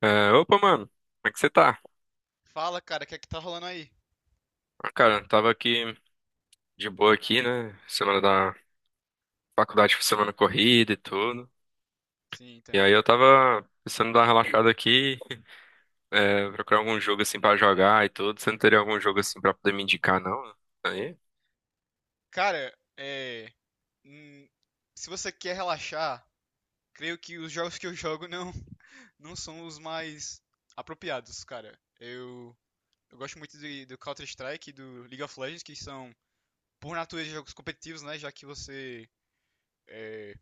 É, opa, mano, como é que você tá? Fala, cara, o que é que tá rolando aí? Ah, cara, eu tava aqui de boa aqui, né? Semana da faculdade foi semana corrida e tudo. Sim, E entendo. aí eu tava pensando em dar uma relaxada aqui, procurar algum jogo assim pra jogar e tudo. Você não teria algum jogo assim pra poder me indicar, não? Aí, Cara, é. hum, Se você quer relaxar, creio que os jogos que eu jogo não, não são os mais apropriados, cara. Eu gosto muito do Counter-Strike e do League of Legends, que são, por natureza, jogos competitivos, né? Já que é,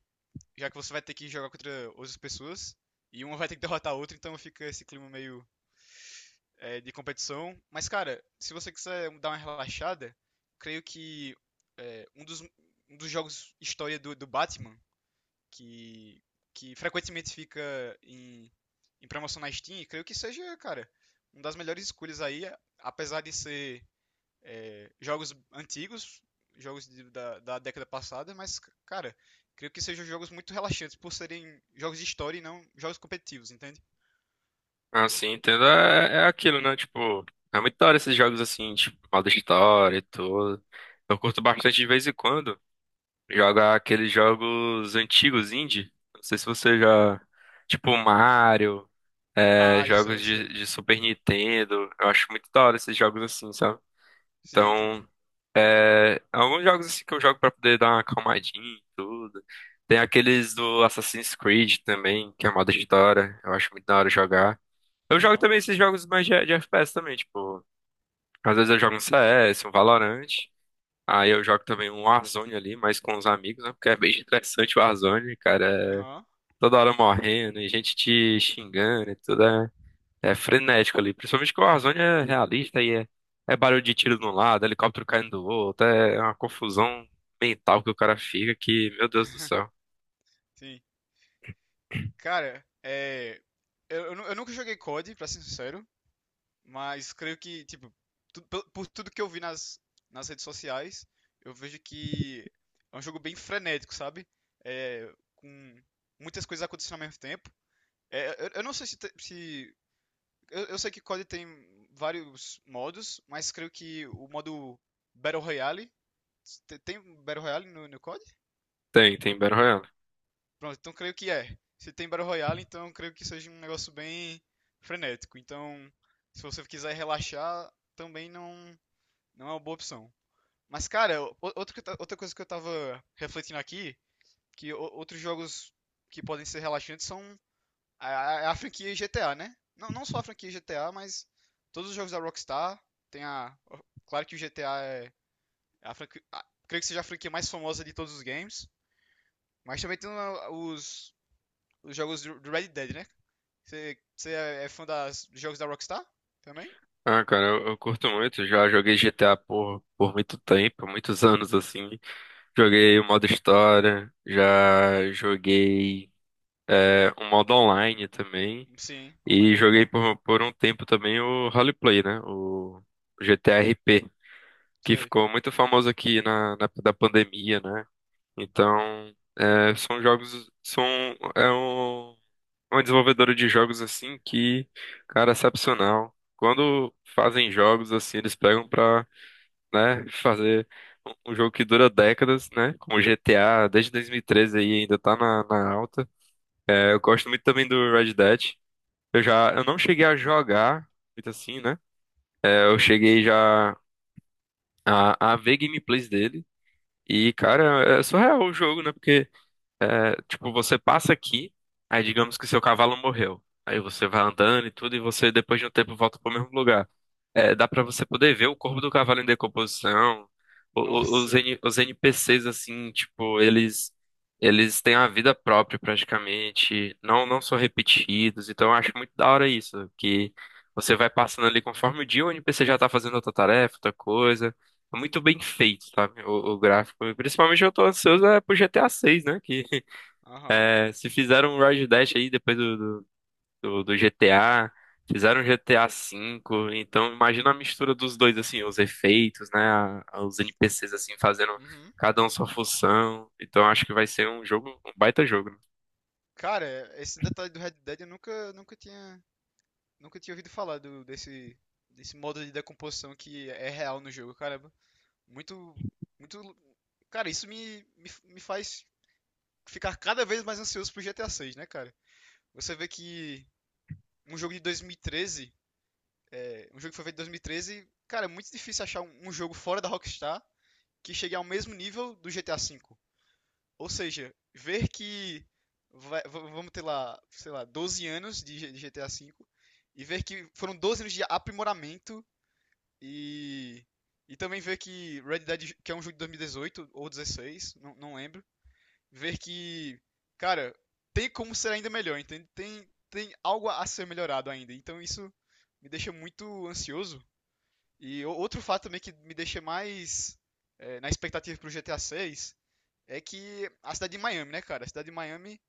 você vai ter que jogar contra outras pessoas e uma vai ter que derrotar a outra, então fica esse clima meio de competição. Mas, cara, se você quiser dar uma relaxada, creio que é, um, dos, um dos jogos história do Batman, que, que frequentemente fica em, em promoção na Steam, creio que seja, cara, uma das melhores escolhas aí, apesar de ser jogos antigos, jogos da década passada, mas, cara, creio que sejam jogos muito relaxantes por serem jogos de história e não jogos competitivos, entende? assim, entendo, é aquilo, né? Tipo, é muito da hora esses jogos assim, tipo, modo história e tudo. Eu curto bastante de vez em quando jogar aqueles jogos antigos indie. Não sei se você já. Tipo, Mario. é, Mario, jogos sei, de, sei. de Super Nintendo. Eu acho muito da hora esses jogos assim, sabe? Sim, entende. Então, alguns jogos assim que eu jogo pra poder dar uma acalmadinha e tudo. Tem aqueles do Assassin's Creed também, que é moda de da hora. Eu acho muito da hora jogar. Eu jogo Não. também esses jogos mais de FPS também, tipo, às vezes eu jogo um CS, um Valorant. Aí eu jogo também um Warzone ali, mas com os amigos, né? Porque é bem interessante o Warzone, cara. É Aham, toda hora morrendo e gente te xingando e tudo. É frenético ali. Principalmente que o Warzone é realista e é barulho de tiro de um lado, helicóptero caindo do outro. É uma confusão mental que o cara fica que, meu Deus do céu. sim. Cara, é. Eu nunca joguei COD, pra ser sincero, mas creio que, tipo, por tudo que eu vi nas, nas redes sociais, eu vejo que é um jogo bem frenético, sabe? Com muitas coisas acontecendo ao mesmo tempo. É, eu não sei se, te- se- eu sei que COD tem vários modos, mas creio que o modo Battle Royale. Tem Battle Royale no COD? Tem Battle Royale. Pronto, então creio que é. Se tem Battle Royale, então creio que seja um negócio bem frenético. Então, se você quiser relaxar, também não, não é uma boa opção. Mas, cara, o- outro que eu ta- outra coisa que eu tava refletindo aqui, que outros jogos que podem ser relaxantes são a franquia GTA, né? Não, não só a franquia GTA, mas todos os jogos da Rockstar tem a. Claro que o GTA é a franquia. Creio que seja a franquia mais famosa de todos os games. Mas também tem os jogos do Red Dead, né? Você é fã dos jogos da Rockstar também? Ah, cara, eu curto muito. Já joguei GTA por muito tempo, muitos anos assim. Joguei o modo história, já joguei o modo online também. Sim, online E é muito joguei bom. por um tempo também o roleplay, né? O GTA RP, que Sei, ficou muito famoso aqui na da pandemia, né? Então, é, são jogos, são, é um, uma desenvolvedora de jogos assim que, cara, é excepcional. Quando fazem jogos assim, eles pegam pra, né, fazer um jogo que dura décadas, né, como GTA, desde 2013 aí ainda tá na alta. Eu gosto muito também do Red Dead. Eu não cheguei a jogar muito assim, né? Eu sei. cheguei já a ver gameplays dele. E, cara, é surreal o jogo, né? Porque tipo, você passa aqui, aí digamos que seu cavalo morreu. Aí você vai andando e tudo, e você depois de um tempo volta pro mesmo lugar. Dá pra você poder ver o corpo do cavalo em decomposição, o- Nossa. os, N- os NPCs assim, tipo, eles têm a vida própria praticamente, não não são repetidos. Então eu acho muito da hora isso, que você vai passando ali conforme o dia, o NPC já tá fazendo outra tarefa, outra coisa. É muito bem feito, sabe? O gráfico. E principalmente eu tô ansioso é pro GTA 6, né? Aham. Se fizeram um Road Dash aí depois do GTA, fizeram GTA V, então imagina a mistura dos dois, assim, os efeitos, né? Os NPCs, assim, fazendo Uhum. cada um sua função. Então acho que vai ser um jogo, um baita jogo, né? Cara, esse detalhe do Red Dead eu nunca tinha ouvido falar desse modo de decomposição que é real no jogo, caramba. Muito, muito. Cara, isso me faz ficar cada vez mais ansioso pro GTA 6, né, cara? Você vê que um jogo de 2013, um jogo que foi feito em 2013, cara, é muito difícil achar um jogo fora da Rockstar que chegue ao mesmo nível do GTA V. Ou seja, ver que vamos ter lá, sei lá, 12 anos de GTA V e ver que foram 12 anos de aprimoramento. E, e também ver que Red Dead, que é um jogo de 2018 ou 16, não lembro, ver que, cara, tem como ser ainda melhor, entende? Tem algo a ser melhorado ainda. Então isso me deixa muito ansioso. E outro fato também que me deixa mais na expectativa pro GTA 6 é que a cidade de Miami, né, cara? A cidade de Miami,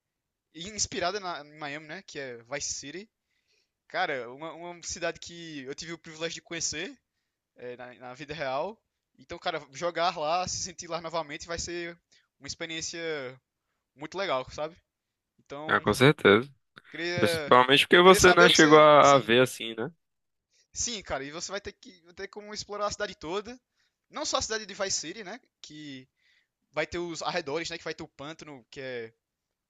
inspirada em Miami, né, que é Vice City. Cara, uma cidade que eu tive o privilégio de conhecer na vida real. Então, cara, jogar lá, se sentir lá novamente vai ser uma experiência muito legal, sabe? Ah, Então, com certeza. queria, Principalmente porque queria você, saber né, o que chegou você. a Sim, ver, assim, né? sim, cara, e você vai ter como explorar a cidade toda. Não só a cidade de Vice City, né? Que vai ter os arredores, né? Que vai ter o pântano, que é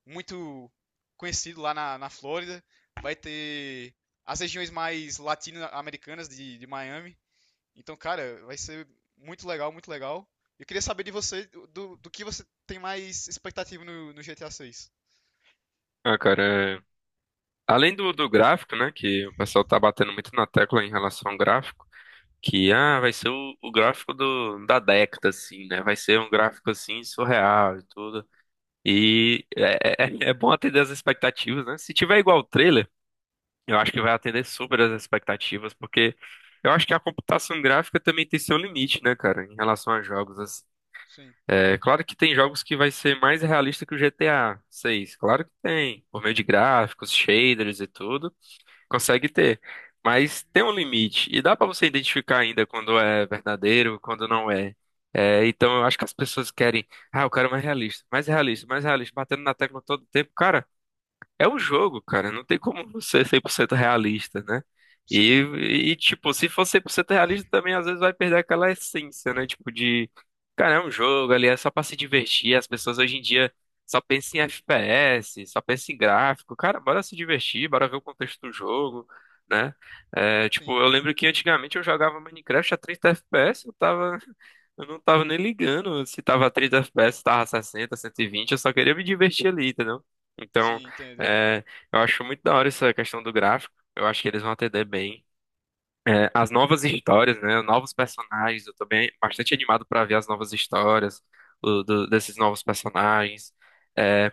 muito conhecido lá na Flórida. Vai ter as regiões mais latino-americanas de Miami. Então, cara, vai ser muito legal, muito legal. Eu queria saber de você, do que você tem mais expectativa no GTA 6. Ah, cara, é- além do gráfico, né, que o pessoal tá batendo muito na tecla em relação ao gráfico, que, ah, vai ser o gráfico da década, assim, né? Vai ser um gráfico, assim, surreal e tudo. E é bom atender as expectativas, né? Se tiver igual o trailer, eu acho que vai atender super as expectativas, porque eu acho que a computação gráfica também tem seu limite, né, cara, em relação a jogos assim. Sim, É claro que tem jogos que vai ser mais realista que o GTA 6 claro que tem, por meio de gráficos, shaders e tudo consegue ter. Mas tem um limite. E dá pra você identificar ainda quando é verdadeiro, quando não é. Então eu acho que as pessoas querem, ah, eu quero mais realista, mais realista, mais realista, batendo na tecla todo o tempo. Cara, é um jogo, cara. Não tem como você ser 100% realista, né? E, sim, tipo, se for 100% realista, também às vezes vai perder aquela essência, né? Tipo, de. Cara, é um jogo ali, é só pra se divertir. As pessoas hoje em dia só pensam em FPS, só pensam em gráfico. Cara, bora se divertir, bora ver o contexto do jogo, né? Tipo, sim, eu lembro que antigamente eu jogava Minecraft a 30 FPS, eu tava. Eu não tava nem ligando se tava 30 FPS, se tava 60, 120, eu só queria me divertir ali, entendeu? Então. sim, entendo. É, eu acho muito da hora essa questão do gráfico. Eu acho que eles vão atender bem. As novas histórias, né? Novos personagens. Eu tô bem, bastante animado pra ver as novas histórias desses novos personagens. É,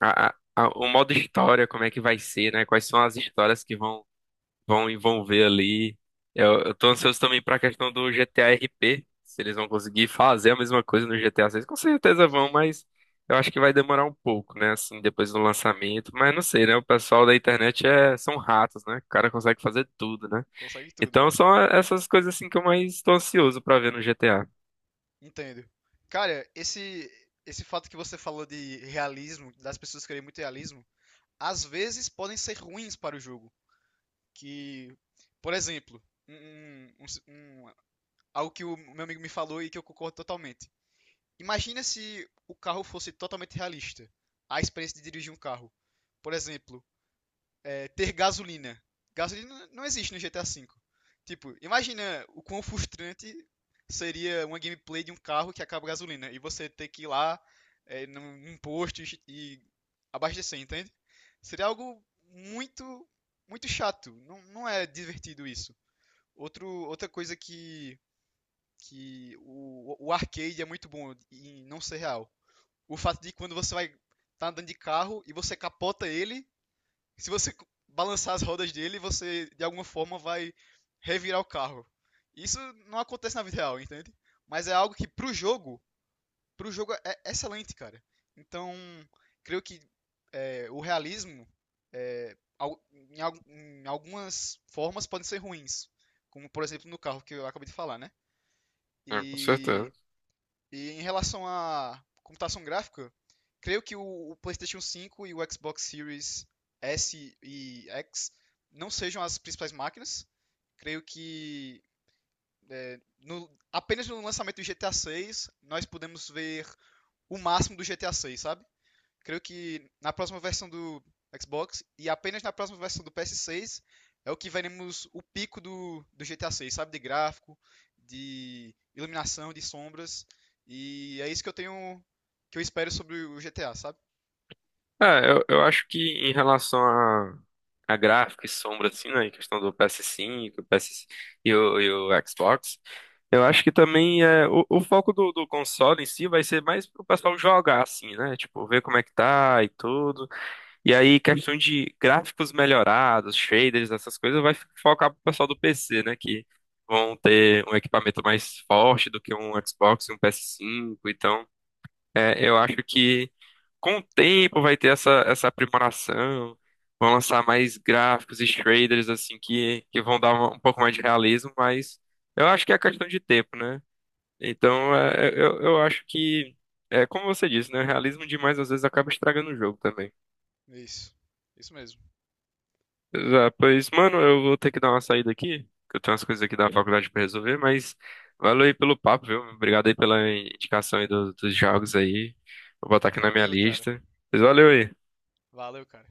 o modo história, como é que vai ser, né? Quais são as histórias que vão ver ali. Eu tô ansioso também pra questão do GTA RP. Se eles vão conseguir fazer a mesma coisa no GTA 6, com certeza vão, Sim, mas eu acho que vai demorar um pouco, né? Assim, depois do lançamento. Mas não sei, né? O pessoal da internet são ratos, né? O cara consegue fazer tudo, né? consegue tudo, Então é. são essas coisas assim que eu mais tô ansioso pra ver no GTA. Entendo. Cara, esse fato que você falou de realismo, das pessoas querem muito realismo, às vezes podem ser ruins para o jogo. Que, por exemplo, um, um- um- um- algo que o meu amigo me falou e que eu concordo totalmente. Imagina se o carro fosse totalmente realista. A experiência de dirigir um carro. Por exemplo, ter gasolina. Gasolina não existe no GTA V. Tipo, imagina o quão frustrante seria uma gameplay de um carro que acaba a gasolina. E você ter que ir lá num posto e abastecer, entende? Seria algo muito, muito chato. Não, não é divertido isso. Outra coisa que o arcade é muito bom em não ser real. O fato de quando você vai tá andando de carro e você capota ele, se você balançar as rodas dele, você de alguma forma vai revirar o carro. Isso não acontece na vida real, entende? Mas é algo que pro jogo é excelente, cara. Então, creio que o realismo em algumas formas podem ser ruins, como por exemplo no carro que eu acabei de falar, né? É, com certeza. E e em relação à computação gráfica, creio que o PlayStation 5 e o Xbox Series S e X não sejam as principais máquinas. Creio que apenas no lançamento do GTA 6 nós podemos ver o máximo do GTA 6, sabe? Creio que na próxima versão do Xbox e apenas na próxima versão do PS6 é o que veremos o pico do GTA 6, sabe? De gráfico, de iluminação, de sombras. E é isso que eu tenho, que eu espero sobre o GTA, sabe? Ah, eu acho que em relação a gráfico e sombra, assim, né, em questão do PS5, PS e o Xbox, eu acho que também o foco do console em si vai ser mais pro pessoal jogar, assim, né, tipo, ver como é que tá e tudo, e aí questão de gráficos melhorados, shaders, essas coisas, vai focar pro pessoal do PC, né, que vão ter um equipamento mais forte do que um Xbox e um PS5 então... Eu acho que com o tempo vai ter essa aprimoração, vão lançar mais gráficos e shaders assim que vão dar um pouco mais de realismo, mas eu acho que é questão de tempo, né? Então eu acho que é como você disse, né? Realismo demais às vezes acaba estragando o jogo também. É isso. É isso mesmo. Ah, pois, mano, eu vou ter que dar uma saída aqui, que eu tenho umas coisas aqui da faculdade pra resolver, mas valeu aí pelo papo, viu? Obrigado aí pela indicação aí dos jogos aí. Vou botar aqui na minha Tranquilo, cara. lista. Mas valeu aí. Valeu, cara.